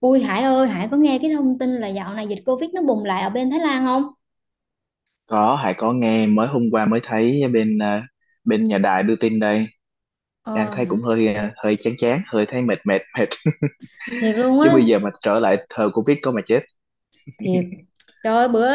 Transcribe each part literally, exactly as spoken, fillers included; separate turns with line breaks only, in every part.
Ui Hải ơi, Hải có nghe cái thông tin là dạo này dịch Covid nó bùng lại ở bên Thái Lan không?
Có, Hải có nghe. Mới hôm qua mới thấy bên ờ, bên nhà đài đưa tin đây. Đang
Ờ,
thấy cũng hơi ờ, hơi chán chán, hơi thấy mệt mệt mệt.
thiệt luôn
Chứ
á,
bây giờ mà trở lại thời Covid có mà chết.
thiệt. Trời ơi, bữa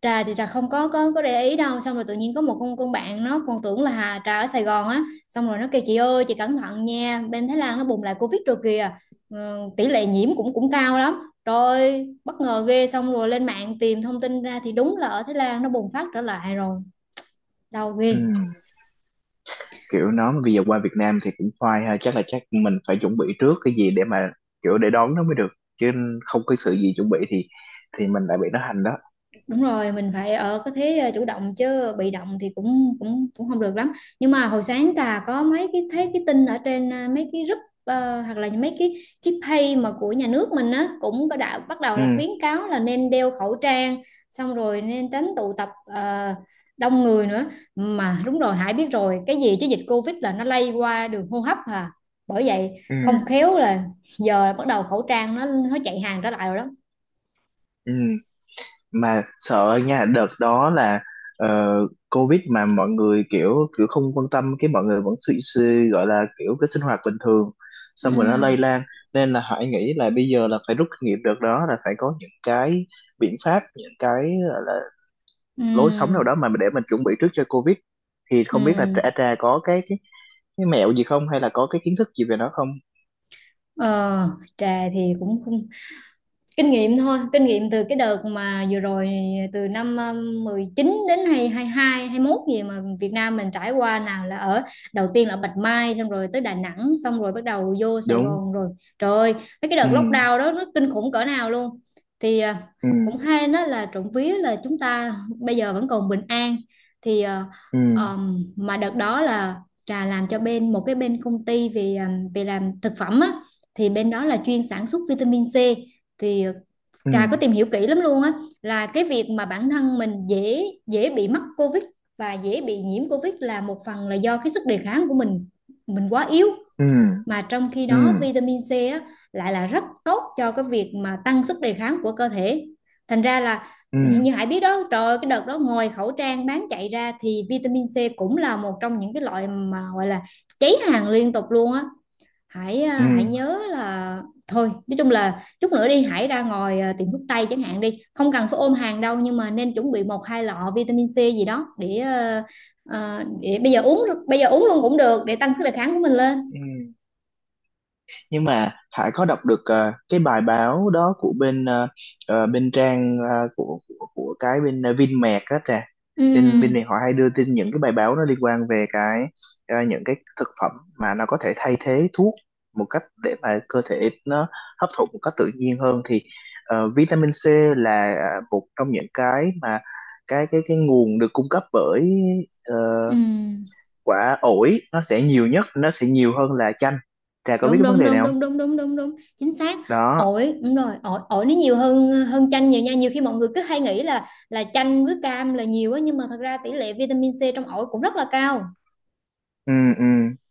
Trà thì Trà không có có có để ý đâu, xong rồi tự nhiên có một con con bạn nó còn tưởng là Hà Trà ở Sài Gòn á, xong rồi nó kêu chị ơi, chị cẩn thận nha, bên Thái Lan nó bùng lại Covid rồi kìa. Ờ, tỷ lệ nhiễm cũng cũng cao lắm. Rồi, bất ngờ ghê, xong rồi lên mạng tìm thông tin ra thì đúng là ở Thái Lan nó bùng phát trở lại rồi. Đau ghê.
Ừm, Kiểu nó bây giờ qua Việt Nam thì cũng khoai ha, chắc là chắc mình phải chuẩn bị trước cái gì để mà kiểu để đón nó mới được. Chứ không có sự gì chuẩn bị thì thì mình lại bị nó hành đó.
Đúng rồi, mình phải ở cái thế ờ, chủ động chứ bị động thì cũng cũng cũng không được lắm. Nhưng mà hồi sáng Trà có mấy cái thấy cái tin ở trên ờ, mấy cái group, ờ, hoặc là mấy cái cái page mà của nhà nước mình á cũng có, đã bắt đầu là
Ừ,
khuyến cáo là nên đeo khẩu trang, xong rồi nên tránh tụ tập ờ, đông người nữa. Mà đúng rồi, Hải biết rồi, cái gì chứ dịch Covid là nó lây qua đường hô hấp à. Bởi vậy
ừ,
không khéo là giờ bắt đầu khẩu trang nó nó chạy hàng trở lại rồi đó.
ừ. Mà sợ nha, đợt đó là ờ, Covid mà mọi người kiểu kiểu không quan tâm, cái mọi người vẫn suy, suy gọi là kiểu cái sinh hoạt bình thường, xong rồi nó
Ừ.
lây lan, nên là Hải nghĩ là bây giờ là phải rút kinh nghiệm đợt đó, là phải có những cái biện pháp, những cái gọi là lối sống nào
Ừ.
đó mà để mình chuẩn bị trước cho Covid. Thì không biết là
Ừ.
Trà Trà có cái cái, cái mẹo gì không, hay là có cái kiến thức gì về nó không?
Ờ, trà thì cũng không kinh nghiệm thôi, kinh nghiệm từ cái đợt mà vừa rồi, từ năm um, mười chín đến hay hai hai hai mốt gì mà Việt Nam mình trải qua, nào là ở đầu tiên là Bạch Mai, xong rồi tới Đà Nẵng, xong rồi bắt đầu vô Sài
Đúng.
Gòn rồi. Trời ơi, mấy cái đợt
Ừ,
lockdown đó nó kinh khủng cỡ nào luôn, thì à,
ừ,
cũng hay nó là trộm vía là chúng ta bây giờ vẫn còn bình an, thì à,
ừ,
um, mà đợt đó là trà làm cho bên một cái bên công ty về um, về làm thực phẩm á, thì bên đó là chuyên sản xuất vitamin C, thì ờ,
ừ,
Trà có tìm hiểu kỹ lắm luôn á, là cái việc mà bản thân mình dễ dễ bị mắc COVID và dễ bị nhiễm COVID là một phần là do cái sức đề kháng của mình mình quá yếu,
ừ,
mà trong khi
ừ,
đó vitamin C á, lại là rất tốt cho cái việc mà tăng sức đề kháng của cơ thể. Thành ra là
ừ,
như Hải biết đó, trời ơi, cái đợt đó ngoài khẩu trang bán chạy ra thì vitamin C cũng là một trong những cái loại mà gọi là cháy hàng liên tục luôn á. hãy
ừ,
à, hãy nhớ là, thôi nói chung là chút nữa đi hãy ra ngoài à, tiệm thuốc tây chẳng hạn đi, không cần phải ôm hàng đâu nhưng mà nên chuẩn bị một hai lọ vitamin C gì đó để à, à, để bây giờ uống, bây giờ uống luôn cũng được, để tăng sức đề kháng của mình lên.
ừ, ừ. Nhưng mà Hải có đọc được ờ, cái bài báo đó của bên ờ, ờ, bên trang ờ, của, của của cái bên ờ, Vinmec đó kìa.
Ừ,
Bên bên này họ hay đưa tin những cái bài báo nó liên quan về cái ờ, những cái thực phẩm mà nó có thể thay thế thuốc, một cách để mà cơ thể nó hấp thụ một cách tự nhiên hơn. Thì ờ, vitamin C là ờ, một trong những cái mà cái cái cái nguồn được cung cấp bởi ờ,
ừ.
quả ổi, nó sẽ nhiều nhất, nó sẽ nhiều hơn là chanh. Trà có biết
Đúng,
cái vấn
đúng,
đề này
đúng,
không?
đúng, đúng, đúng, đúng, đúng, chính xác.
Đó.
Ổi, đúng rồi, ổi ổi nó nhiều hơn hơn chanh nhiều nha, nhiều khi mọi người cứ hay nghĩ là là chanh với cam là nhiều á, nhưng mà thật ra tỷ lệ vitamin C trong ổi cũng rất là cao.
Ừ, ừ.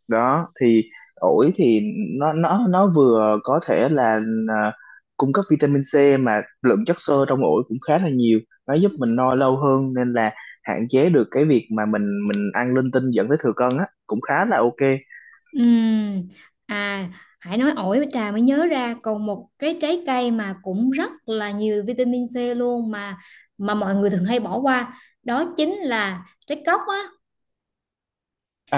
Đó thì ổi thì nó nó nó vừa có thể là à, cung cấp vitamin C, mà lượng chất xơ trong ổi cũng khá là nhiều, nó giúp mình no lâu hơn, nên là hạn chế được cái việc mà mình mình ăn linh tinh dẫn tới thừa cân á, cũng khá là ok.
Ừm. À, Hải nói ổi với trà mới nhớ ra còn một cái trái cây mà cũng rất là nhiều vitamin C luôn, mà mà mọi người thường hay bỏ qua, đó chính là trái cóc á.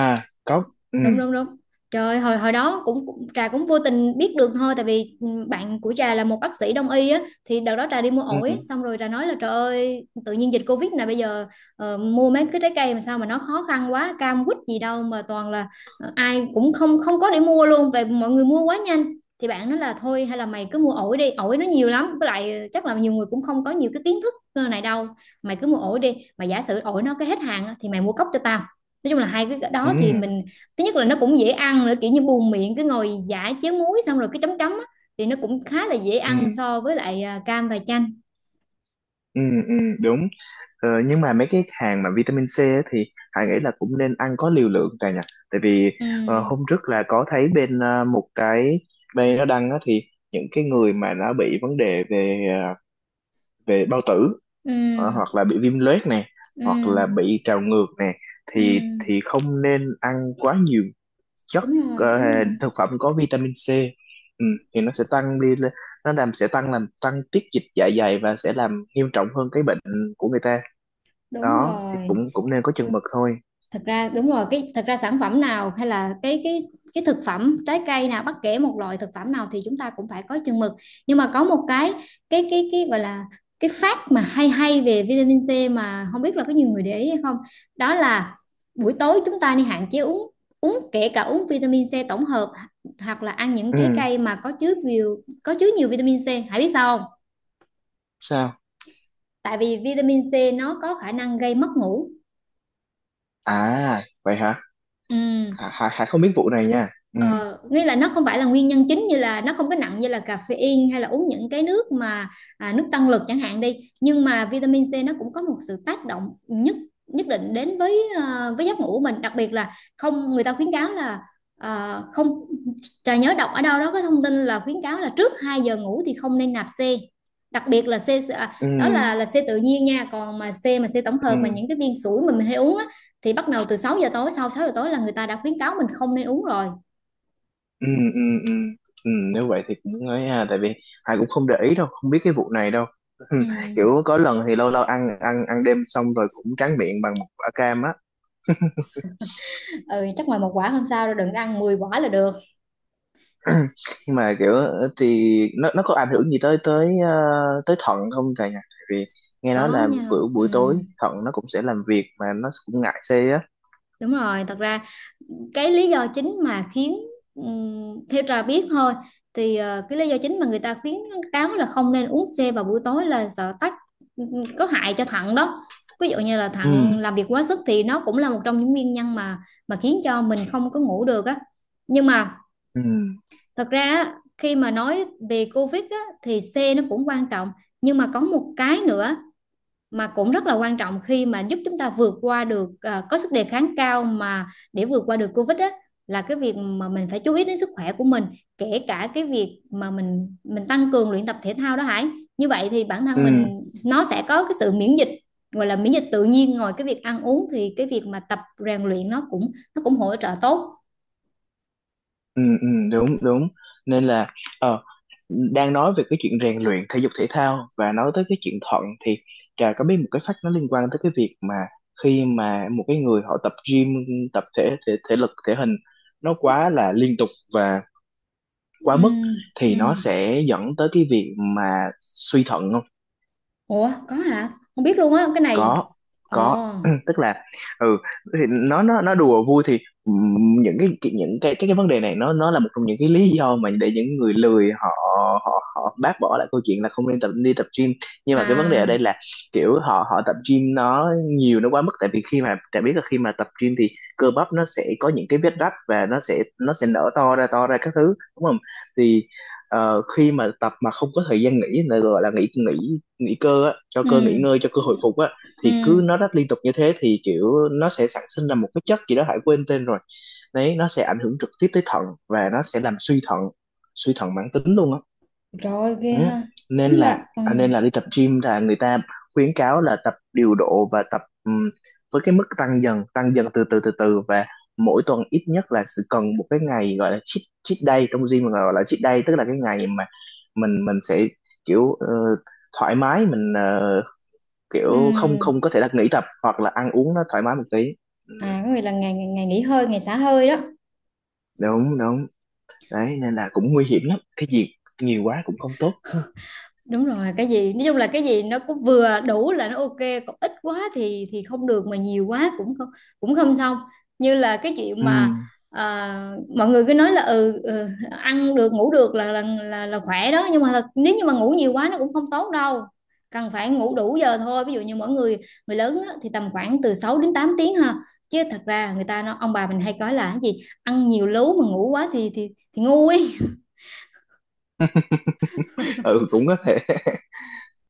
À, có. Ừ,
Đúng, đúng, đúng. Trời ơi, hồi hồi đó cũng cũng- trà cũng vô tình biết được thôi, tại vì ừ, bạn của trà là một bác sĩ đông y á, thì đợt đó trà đi mua
ừ, ừ,
ổi xong rồi trà nói là trời ơi, tự nhiên dịch covid này bây giờ ờ, mua mấy cái trái cây mà sao mà nó khó khăn quá, cam quýt gì đâu mà toàn là ờ, ai cũng không không có để mua luôn, về mọi người mua quá nhanh. Thì bạn nói là thôi, hay là mày cứ mua ổi đi, ổi nó nhiều lắm, với lại ờ, chắc là nhiều người cũng không có nhiều cái kiến thức này đâu, mày cứ mua ổi đi, mà giả sử ổi nó cái hết hàng á, thì mày mua cốc cho tao. Nói chung là hai cái đó thì mình, thứ nhất là nó cũng dễ ăn nữa, kiểu như buồn miệng cứ ngồi giải chén muối xong rồi cái chấm chấm á, thì nó cũng khá là dễ
ừ,
ăn
ừ,
so với lại à, cam và chanh.
ừ, ừ. Đúng. Ờ, nhưng mà mấy cái hàng mà vitamin C á thì Hải nghĩ là cũng nên ăn có liều lượng cả nhỉ. Tại vì
Ừ,
ờ, hôm trước là có thấy bên ờ, một cái bên nó đăng á, thì những cái người mà đã bị vấn đề về ờ, về bao tử, ờ,
ừ,
hoặc là bị viêm loét nè, hoặc
ừ,
là bị trào ngược nè, thì
ừ,
thì không nên ăn quá nhiều chất
đúng rồi,
ờ,
đúng rồi,
thực phẩm có vitamin C. Ừ, thì nó sẽ tăng đi lên. Nó làm sẽ tăng làm tăng tiết dịch dạ dày và sẽ làm nghiêm trọng hơn cái bệnh của người ta.
đúng
Đó thì
rồi.
cũng cũng nên có chừng mực thôi.
Thật ra đúng rồi, cái thật ra sản phẩm nào, hay là cái cái cái thực phẩm trái cây nào, bất kể một loại thực phẩm nào thì chúng ta cũng phải có chừng mực, nhưng mà có một cái cái cái cái gọi là cái fact mà hay hay về vitamin C mà không biết là có nhiều người để ý hay không, đó là buổi tối chúng ta nên hạn chế uống uống kể cả uống vitamin C tổng hợp hoặc là ăn những trái
Ừ.
cây mà có chứa nhiều có chứa nhiều vitamin C. Hãy biết sao không?
Sao?
Tại vì vitamin C nó có khả năng gây mất ngủ.
À, vậy hả?
Ừm.
Hà, Hà, Hà không biết vụ này nha. Ừ,
Ờ, nghĩa là nó không phải là nguyên nhân chính, như là nó không có nặng như là caffeine hay là uống những cái nước mà à, nước tăng lực chẳng hạn đi, nhưng mà vitamin C nó cũng có một sự tác động nhất nhất định đến với à, với giấc ngủ của mình, đặc biệt là không, người ta khuyến cáo là à, không, trà nhớ đọc ở đâu đó có thông tin là khuyến cáo là trước hai giờ ngủ thì không nên nạp C, đặc biệt là C, à,
ừ,
đó là là C tự nhiên nha, còn mà C mà C tổng hợp mà
ừ,
những cái viên sủi mà mình hay uống á, thì bắt đầu từ sáu giờ tối, sau sáu giờ tối là người ta đã khuyến cáo mình không nên uống rồi.
ừ, ừ, ừ, ừ, nếu vậy thì cũng ấy ha. Tại vì Hà cũng không để ý đâu, không biết cái vụ này đâu. Ừ.
Ừ.
Kiểu có lần thì lâu lâu ăn ăn ăn đêm xong rồi cũng tráng miệng bằng một quả cam á.
Ừ, chắc ngoài một quả không sao đâu, đừng có ăn mười quả là được.
Nhưng mà kiểu thì nó nó có ảnh hưởng gì tới tới ờ, tới thận không thầy nhỉ? Tại vì nghe nói
Có
là
nha.
kiểu
Ừ.
buổi tối thận nó cũng sẽ làm việc, mà nó cũng ngại xê á.
Đúng rồi, thật ra cái lý do chính mà khiến, ừ, theo trà biết thôi, thì ờ, cái lý do chính mà người ta khuyến cáo là không nên uống C vào buổi tối là sợ tắc, ừm, có hại cho thận đó. Ví dụ như là
Ừ,
thận làm việc quá sức thì nó cũng là một trong những nguyên nhân mà mà khiến cho mình không có ngủ được á. Nhưng mà
ừ,
thật ra á, khi mà nói về COVID á, thì C nó cũng quan trọng, nhưng mà có một cái nữa mà cũng rất là quan trọng khi mà giúp chúng ta vượt qua được, à, có sức đề kháng cao mà để vượt qua được Covid á, là cái việc mà mình phải chú ý đến sức khỏe của mình, kể cả cái việc mà mình mình tăng cường luyện tập thể thao đó Hải. Như vậy thì bản thân mình
ừ,
nó sẽ có cái sự miễn dịch, gọi là miễn dịch tự nhiên, ngoài cái việc ăn uống thì cái việc mà tập rèn luyện nó cũng nó cũng hỗ trợ tốt.
ừ, ừ. Đúng, đúng. Nên là ờ đang nói về cái chuyện rèn luyện thể dục thể thao và nói tới cái chuyện thận thì Trà có biết một cái fact nó liên quan tới cái việc mà khi mà một cái người họ tập gym, tập thể thể, thể lực thể hình nó quá là liên tục và quá
Ừ,
mức
ừ.
thì nó sẽ dẫn tới cái việc mà suy thận không?
Ủa, có hả? Không biết luôn á cái này.
Có,
Ồ.
có. Tức là ừ, thì nó nó nó đùa vui thì ừm, những cái cái- những cái cái cái vấn đề này nó nó là một trong những cái lý do mà để những người lười họ họ họ bác bỏ lại câu chuyện là không nên tập, đi tập gym. Nhưng mà cái vấn đề ở đây
À.
là kiểu họ họ tập gym nó nhiều, nó quá mức, tại vì khi mà đã biết là khi mà tập gym thì cơ bắp nó sẽ có những cái vết rách và nó sẽ nó sẽ nở to ra to ra các thứ, đúng không? Thì ờ, khi mà tập mà không có thời gian nghỉ, là gọi là nghỉ nghỉ nghỉ cơ á, cho cơ nghỉ
Ừ,
ngơi, cho cơ hồi phục á, thì cứ
ừ.
nó rất liên tục như thế thì kiểu nó sẽ sản sinh ra một cái chất gì đó Hải quên tên rồi, đấy, nó sẽ ảnh hưởng trực tiếp tới thận và nó sẽ làm suy thận, suy thận mãn tính luôn á.
Rồi ghê
Ừ.
ha, tính
nên
là
là
ừ,
à, nên là đi tập gym là người ta khuyến cáo là tập điều độ và tập ừm, với cái mức tăng dần tăng dần từ từ từ từ, và mỗi tuần ít nhất là sẽ cần một cái ngày gọi là cheat, cheat day trong gym, mà gọi là cheat day tức là cái ngày mà mình mình sẽ kiểu ờ, thoải mái, mình ờ, kiểu không
ừ,
không có thể là nghỉ tập hoặc là ăn uống nó thoải mái một tí. Ừ,
à, có nghĩa là ngày ngày ngày nghỉ hơi, ngày xả hơi đó.
đúng, đúng. Đấy nên là cũng nguy hiểm lắm, cái gì nhiều quá cũng không tốt, đúng không?
Đúng rồi, cái gì nói chung là cái gì nó cũng vừa đủ là nó ok, còn ít quá thì thì không được, mà nhiều quá cũng không cũng không xong, như là cái chuyện
Ừ,
mà à, mọi người cứ nói là, ừ, ừ, ăn được ngủ được là là là, là khỏe đó, nhưng mà thật, nếu như mà ngủ nhiều quá nó cũng không tốt đâu, cần phải ngủ đủ giờ thôi, ví dụ như mỗi người, người lớn á, thì tầm khoảng từ sáu đến tám tiếng ha, chứ thật ra người ta, nó ông bà mình hay nói là cái gì ăn nhiều lú, mà ngủ quá thì thì thì ngu ấy.
ừ cũng có thể.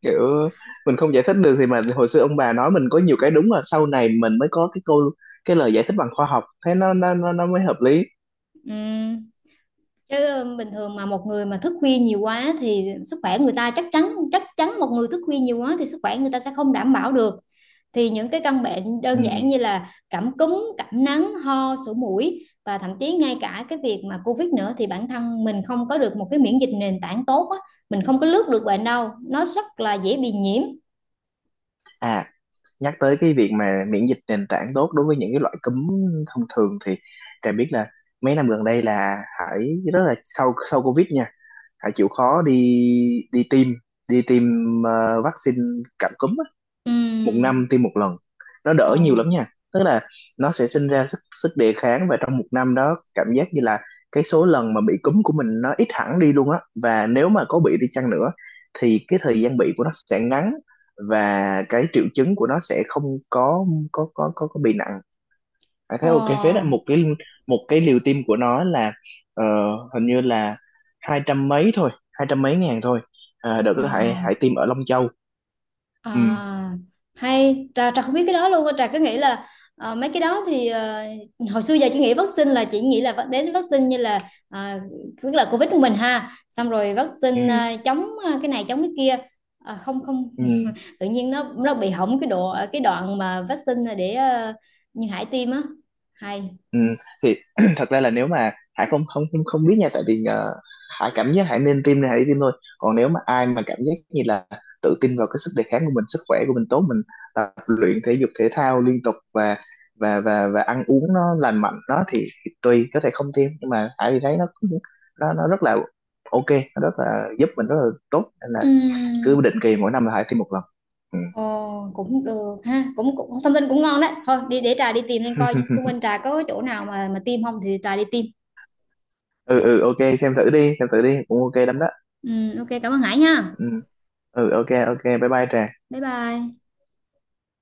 Kiểu mình không giải thích được thì mà hồi xưa ông bà nói mình có nhiều cái đúng, là sau này mình mới có cái câu, cái lời giải thích bằng khoa học, thế nó nó nó, nó mới hợp lý.
Ừ. Chứ ờ, bình thường mà một người mà thức khuya nhiều quá thì sức khỏe người ta chắc chắn, chắc chắn một người thức khuya nhiều quá thì sức khỏe người ta sẽ không đảm bảo được, thì những cái căn bệnh
Ừ.
đơn giản như là cảm cúm, cảm nắng, ho, sổ mũi, và thậm chí ngay cả cái việc mà Covid nữa, thì bản thân mình không có được một cái miễn dịch nền tảng tốt á, mình không có lướt được bệnh đâu, nó rất là dễ bị nhiễm.
À, nhắc tới cái việc mà miễn dịch nền tảng tốt đối với những cái loại cúm thông thường thì Trà biết là mấy năm gần đây là Hải rất là, sau sau Covid nha, hãy chịu khó đi đi tiêm đi tiêm ờ, vaccine cảm cúm á, một năm
Ừm.
tiêm một lần, nó đỡ
Ờ,
nhiều lắm nha. Tức là nó sẽ sinh ra sức sức đề kháng, và trong một năm đó cảm giác như là cái số lần mà bị cúm của mình nó ít hẳn đi luôn á, và nếu mà có bị đi chăng nữa thì cái thời gian bị của nó sẽ ngắn và cái triệu chứng của nó sẽ không có có có có, có bị nặng. À, thế ok phết đấy.
ờ,
Một cái một cái liều tiêm của nó là ờ, hình như là hai trăm mấy thôi hai trăm mấy ngàn thôi. À, đợt
ờ.
đó hãy hãy tiêm ở Long Châu. Ừ,
À, hay trà trà không biết cái đó luôn á. Trà cứ nghĩ là ờ, mấy cái đó thì ờ, hồi xưa giờ chị nghĩ vaccine là, chị nghĩ là vắc- đến vaccine như là à, tức là Covid của mình ha, xong rồi vaccine
ừ,
à, chống à, cái này chống cái kia. À, không không.
ừ.
Tự nhiên nó nó bị hỏng cái độ, cái đoạn mà vaccine để ờ, như Hải tiêm á, hay.
Ừ, thì thật ra là nếu mà Hải không không không không biết nha. Tại vì ờ, Hải cảm giác Hải nên tiêm thì Hải đi tiêm thôi. Còn nếu mà ai mà cảm giác như là tự tin vào cái sức đề kháng của mình, sức khỏe của mình tốt, mình tập luyện thể dục thể thao liên tục, và và và và ăn uống nó lành mạnh đó thì, thì tùy, có thể không tiêm. Nhưng mà Hải thì thấy nó cũng- nó nó rất là ok, nó rất là giúp mình rất là tốt, nên là
Ừm.
cứ định kỳ mỗi năm là Hải tiêm một lần. Ừ.
Ồ, cũng được ha, cũng, cũng thông tin cũng ngon đấy, thôi đi để trà đi tìm lên coi xung quanh trà có chỗ nào mà mà tiêm không, thì trà đi tiêm.
Ừ, ừ, ok xem thử đi xem thử đi, cũng ok lắm đó.
Ừ, ok, cảm ơn Hải ha.
Ừ. Ừ, ok, ok, bye bye Trà.
Bye bye.